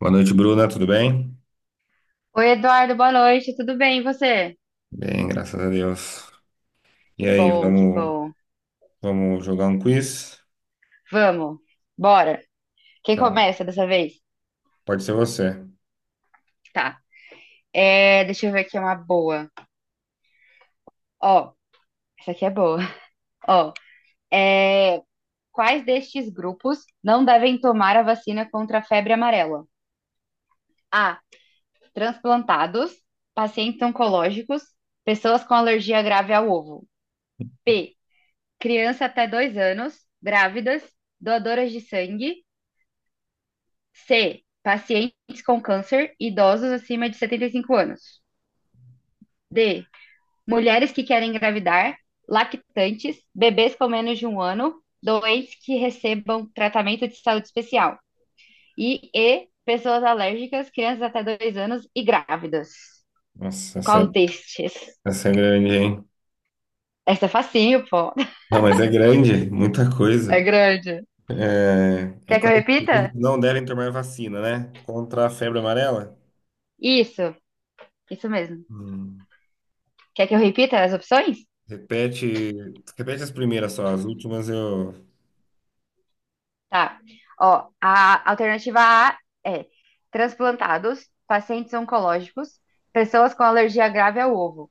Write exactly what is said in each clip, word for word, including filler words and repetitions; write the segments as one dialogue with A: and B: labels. A: Boa noite, Bruna. Tudo bem?
B: Oi, Eduardo, boa noite, tudo bem? E você?
A: Bem, graças a Deus.
B: Que
A: E aí,
B: bom, que
A: vamos,
B: bom.
A: vamos jogar um quiz?
B: Vamos, bora. Quem
A: Tá.
B: começa dessa vez?
A: Pode ser você.
B: Tá. É, deixa eu ver aqui uma boa. Ó, essa aqui é boa. Ó, é, quais destes grupos não devem tomar a vacina contra a febre amarela? A. Transplantados, pacientes oncológicos, pessoas com alergia grave ao ovo. B. Criança até dois anos, grávidas, doadoras de sangue. C. Pacientes com câncer, idosos acima de setenta e cinco anos. D. Mulheres que querem engravidar, lactantes, bebês com menos de um ano, doentes que recebam tratamento de saúde especial. E E. Pessoas alérgicas, crianças até dois anos e grávidas.
A: Nossa, essa é,
B: Qual destes?
A: essa é grande, hein?
B: Essa é facinho, pô.
A: Não, mas é grande, muita
B: É
A: coisa.
B: grande.
A: É
B: Quer que eu
A: quais
B: repita?
A: produtos não devem tomar vacina, né? Contra a febre amarela?
B: Isso, isso mesmo.
A: Hum.
B: Quer que eu repita as opções?
A: Repete, repete as primeiras só, as últimas eu.
B: Tá. Ó, a alternativa A é transplantados, pacientes oncológicos, pessoas com alergia grave ao ovo.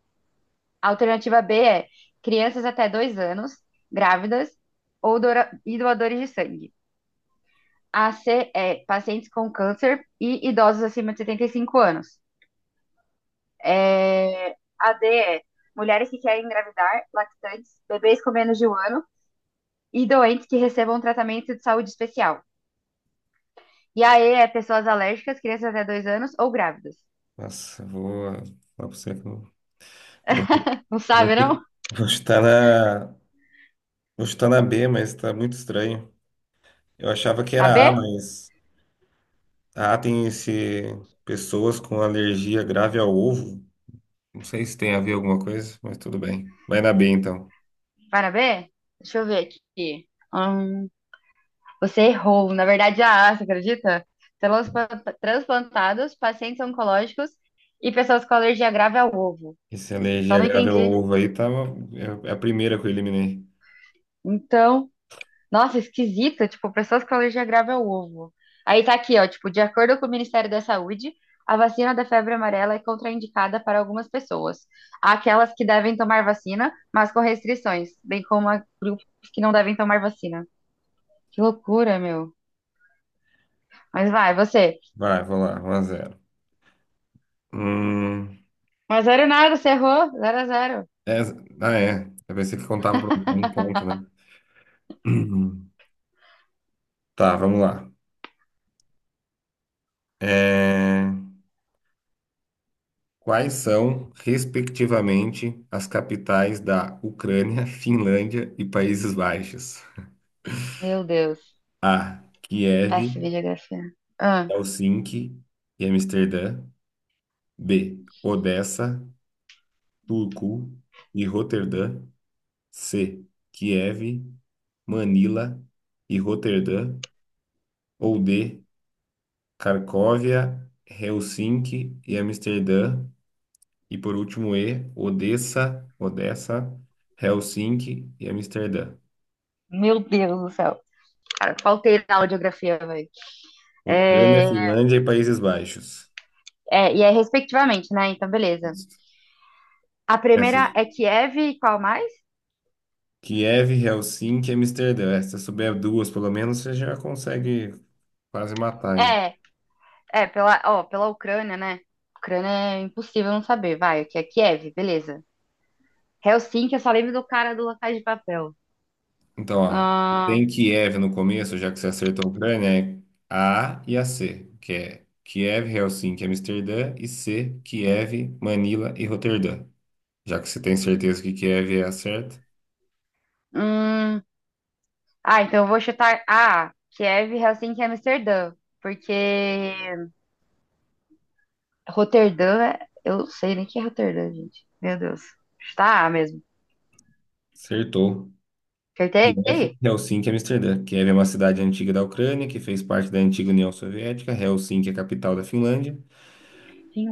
B: A alternativa B é crianças até dois anos, grávidas ou doa- e doadores de sangue. A C é pacientes com câncer e idosos acima de setenta e cinco anos. É, a D é mulheres que querem engravidar, lactantes, bebês com menos de um ano e doentes que recebam um tratamento de saúde especial. E a E é pessoas alérgicas, crianças até dois anos ou grávidas.
A: Nossa, eu vou falar pra você que eu eu vou, eu
B: Não
A: vou,
B: sabe,
A: eu
B: não?
A: vou chutar na, vou chutar na B, mas tá muito estranho. Eu achava que
B: Na
A: era A,
B: B?
A: mas. Ah, tem esse pessoas com alergia grave ao ovo. Não sei se tem a ver alguma coisa, mas tudo bem. Vai na B então.
B: Vai na B? Deixa eu ver aqui. Hum, você errou. Na verdade, é a A, você acredita? Células transplantados, pacientes oncológicos e pessoas com alergia grave ao ovo.
A: Essa
B: Só
A: alergia
B: não
A: grave ao
B: entendi.
A: ovo aí tava é é a primeira que eu eliminei.
B: Então. Nossa, esquisito, tipo, pessoas com alergia grave ao ovo. Aí tá aqui, ó, tipo, de acordo com o Ministério da Saúde, a vacina da febre amarela é contraindicada para algumas pessoas. Há aquelas que devem tomar vacina, mas com restrições, bem como há grupos que não devem tomar vacina. Que loucura, meu. Mas vai, você.
A: Vai, vou lá, um a zero. Hum,
B: um a zero nada, você errou. zero a zero.
A: é- ah, é. Eu pensei que contava para um ponto, né? Uhum. Tá, vamos lá. É, quais são, respectivamente, as capitais da Ucrânia, Finlândia e Países Baixos?
B: Meu Deus.
A: A.
B: Péssima em
A: Kiev.
B: geografia. Ah,
A: Helsinki e Amsterdã. B. Odessa, Turku e Roterdã. C. Kiev, Manila e Roterdã. Ou D. Cracóvia, Helsinki e Amsterdã. E por último, E. Odessa, Odessa, Helsinki e Amsterdã.
B: meu Deus do céu. Cara, faltei na aula de geografia, velho.
A: Ucrânia,
B: É,
A: Finlândia e Países Baixos.
B: é, e é respectivamente, né? Então, beleza. A primeira
A: Essas.
B: é Kiev e qual mais?
A: Kiev, Helsinki e Amsterdã. Essas souber duas, pelo menos, você já consegue quase matar, hein?
B: É, é pela, ó, pela Ucrânia, né? Ucrânia é impossível não saber. Vai, que é Kiev, beleza. Helsinki, eu só lembro do cara do La Casa de Papel.
A: Então, ó,
B: Ah,
A: tem Kiev no começo, já que você acertou a Ucrânia, é A e a C, que é Kiev, Helsinki, Amsterdã, e C, Kiev, Manila e Roterdã. Já que você tem certeza que Kiev é a certa,
B: hum, ah, então eu vou chutar. Ah, Kiev, Helsinki e Amsterdã. Porque Roterdã, é- eu sei nem que é Roterdã, gente. Meu Deus. Chutar A mesmo.
A: acertou. Kiev,
B: Acertei?
A: Helsinki, Amsterdã. Kiev é uma cidade antiga da Ucrânia que fez parte da antiga União Soviética. Helsinki é a capital da Finlândia,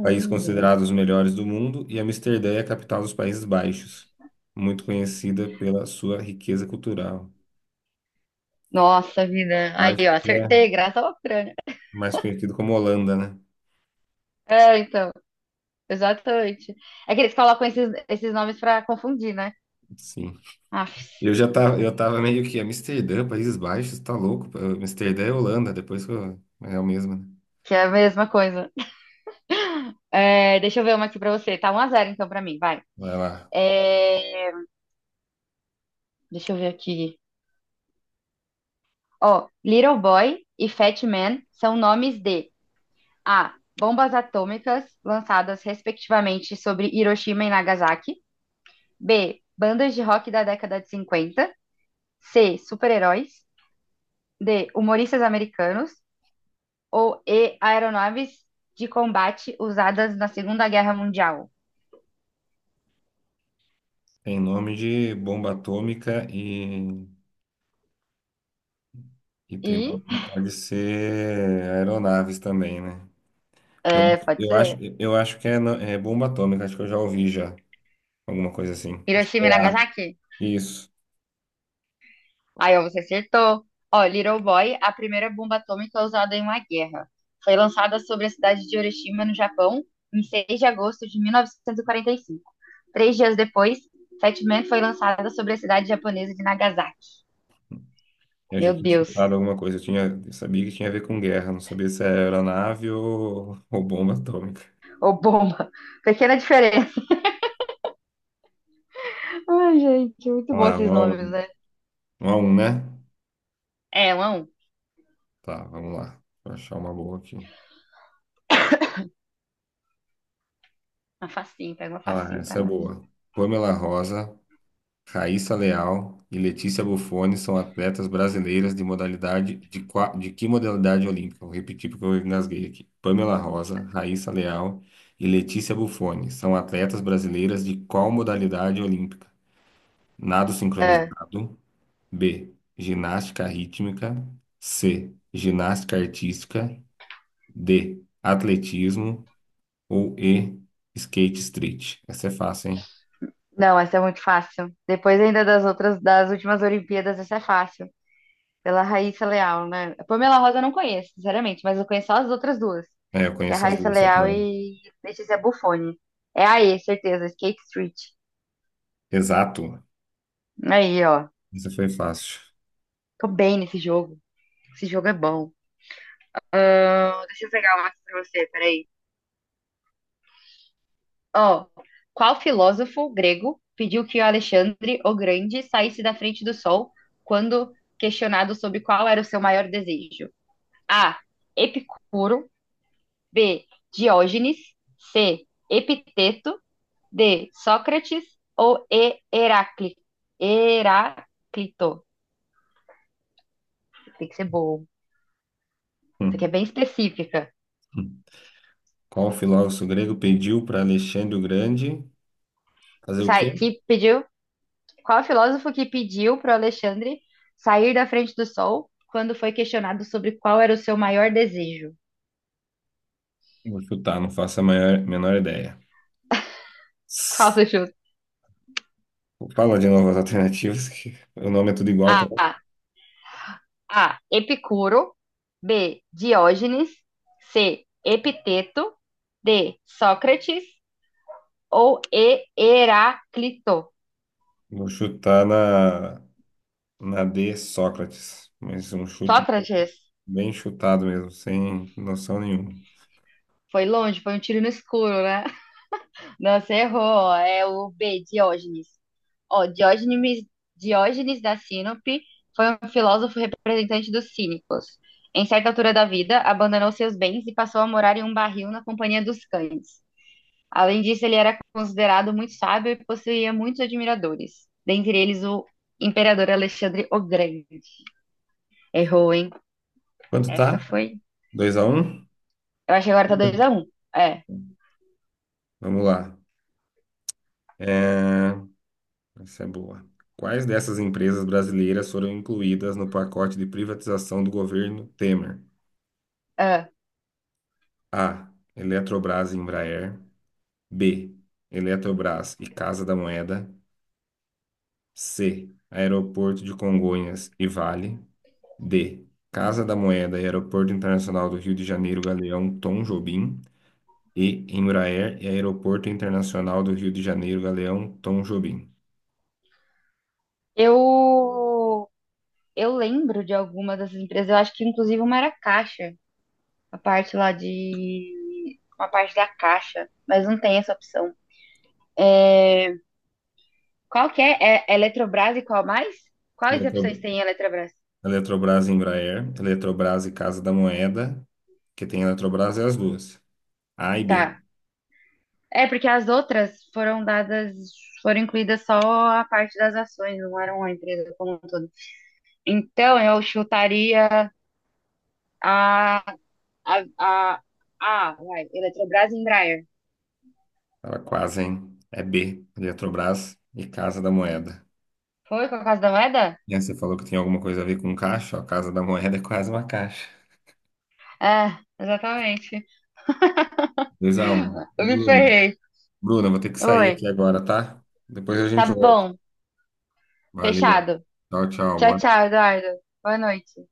A: país considerado os melhores do mundo, e Amsterdã é a capital dos Países Baixos, muito conhecida pela sua riqueza cultural.
B: Nossa vida.
A: Acho
B: Aí, ó,
A: que é
B: acertei, graças à Ucrânia.
A: mais conhecido como Holanda, né?
B: É, então. Exatamente. É que eles colocam esses, esses nomes pra confundir, né?
A: Sim.
B: Aff,
A: Eu já tava, eu tava meio que Amsterdã, Países Baixos, tá louco? Amsterdã é Holanda, depois que eu, é o mesmo, né?
B: que é a mesma coisa. É, deixa eu ver uma aqui pra você. Tá um a zero, então pra mim, vai.
A: Vai lá.
B: É, deixa eu ver aqui. Ó, Little Boy e Fat Man são nomes de A. Bombas atômicas lançadas respectivamente sobre Hiroshima e Nagasaki. B. Bandas de rock da década de cinquenta. C. Super-heróis. D. Humoristas americanos. Ou E. Aeronaves de combate usadas na Segunda Guerra Mundial?
A: Tem nome de bomba atômica e, e tem
B: E
A: nome que pode ser aeronaves também, né? Eu,
B: é,
A: acho-
B: pode
A: eu acho,
B: ser.
A: eu acho que é, no- é bomba atômica, acho que eu já ouvi já, alguma coisa assim. Acho que
B: Hiroshima e
A: é A.
B: Nagasaki?
A: Isso.
B: Aí ó, você acertou. Ó, Little Boy, a primeira bomba atômica usada em uma guerra. Foi lançada sobre a cidade de Hiroshima, no Japão, em seis de agosto de mil novecentos e quarenta e cinco. Três dias depois, Fat Man foi lançada sobre a cidade japonesa de Nagasaki.
A: Eu já
B: Meu
A: tinha
B: Deus.
A: escutado alguma coisa, eu tinha, eu sabia que tinha a ver com guerra, não sabia se era aeronave ou, ou bomba atômica.
B: Ô, bomba. Pequena diferença. Ai, gente, muito
A: Vamos
B: bom
A: lá,
B: esses
A: um a
B: nomes, né?
A: um, um a um, né?
B: É, um a um.
A: Tá, vamos lá. Vou achar uma boa aqui.
B: Uma facinho, pega uma
A: Ah lá,
B: facinho pra
A: essa é
B: nós.
A: boa. Pamela Rosa, Raíssa Leal e Letícia Bufone são atletas brasileiras de modalidade de, qua- de que modalidade olímpica? Vou repetir porque eu engasguei aqui. Pamela Rosa, Raíssa Leal e Letícia Bufone são atletas brasileiras de qual modalidade olímpica? Nado
B: É.
A: sincronizado. B. Ginástica rítmica. C. Ginástica artística. D. Atletismo. Ou E Skate Street. Essa é fácil, hein?
B: Não, essa é muito fácil. Depois ainda das outras, das últimas Olimpíadas, essa é fácil. Pela Raíssa Leal, né? A Pamela Rosa eu não conheço, sinceramente, mas eu conheço só as outras duas,
A: É, eu
B: que é a
A: conheço as
B: Raíssa
A: duas só
B: Leal
A: também.
B: e Letícia Buffoni. É aí, certeza, Skate Street.
A: Exato.
B: Aí, ó.
A: Essa foi fácil.
B: Tô bem nesse jogo. Esse jogo é bom. Ahn, deixa eu pegar uma aqui pra você, peraí. Ó, qual filósofo grego pediu que o Alexandre o Grande saísse da frente do sol quando questionado sobre qual era o seu maior desejo? A. Epicuro. B. Diógenes. C. Epiteto. D. Sócrates. Ou E. Heráclito. Heráclito. Tem que ser bom. Isso aqui
A: Hum.
B: é bem específica.
A: Hum. Qual filósofo grego pediu para Alexandre o Grande fazer o quê?
B: Sai, que pediu? Qual filósofo que pediu para Alexandre sair da frente do sol quando foi questionado sobre qual era o seu maior desejo?
A: Vou chutar, não faço a maior, menor ideia.
B: Qual
A: S-
B: você chuta?
A: Fala de novas alternativas, que o nome é tudo igual, pô.
B: A. A. Epicuro. B. Diógenes. C. Epiteto. D. Sócrates. Ou E. Heráclito.
A: Vou chutar na, na D, Sócrates. Mas um chute
B: Sócrates.
A: bem chutado mesmo, sem noção nenhuma.
B: Foi longe, foi um tiro no escuro, né? Não, você errou. É o B. Diógenes. Ó, Diógenes, Diógenes da Sinope foi um filósofo representante dos cínicos. Em certa altura da vida, abandonou seus bens e passou a morar em um barril na companhia dos cães. Além disso, ele era considerado muito sábio e possuía muitos admiradores, dentre eles o imperador Alexandre o Grande. Errou, hein?
A: Quanto
B: Essa
A: tá?
B: foi.
A: Dois a um.
B: Eu acho que agora tá dois a um. É.
A: Vamos lá. É, essa é boa. Quais dessas empresas brasileiras foram incluídas no pacote de privatização do governo Temer?
B: Ah.
A: A. Eletrobras e Embraer. B. Eletrobras e Casa da Moeda. C. Aeroporto de Congonhas e Vale. D. Casa da Moeda e Aeroporto Internacional do Rio de Janeiro Galeão Tom Jobim. E. Embraer e Aeroporto Internacional do Rio de Janeiro Galeão Tom Jobim.
B: eu eu lembro de alguma dessas empresas, eu acho que inclusive uma era Caixa. A parte lá de. Uma parte da caixa, mas não tem essa opção. É, qual que é? É Eletrobras e qual mais? Quais
A: Eletrob-
B: opções tem em Eletrobras?
A: Eletrobras e Embraer, Eletrobras e Casa da Moeda, que tem Eletrobras e as duas, A e B.
B: Tá. É, porque as outras foram dadas, foram incluídas só a parte das ações, não eram a empresa como um todo. Então, eu chutaria a, a, a, a, vai, Eletrobras e Embraer.
A: Ela quase, hein? É B, Eletrobras e Casa da Moeda.
B: Foi com a Casa da Moeda?
A: E aí você falou que tem alguma coisa a ver com caixa, ó, Casa da Moeda é quase uma caixa.
B: É, exatamente.
A: dois a um. Ô,
B: Eu me
A: Bruna.
B: ferrei.
A: Bruna, vou ter que sair
B: Oi.
A: aqui agora, tá? Depois a
B: Tá
A: gente volta.
B: bom.
A: Valeu.
B: Fechado.
A: Tchau, tchau.
B: Tchau,
A: Boa
B: tchau, Eduardo. Boa noite.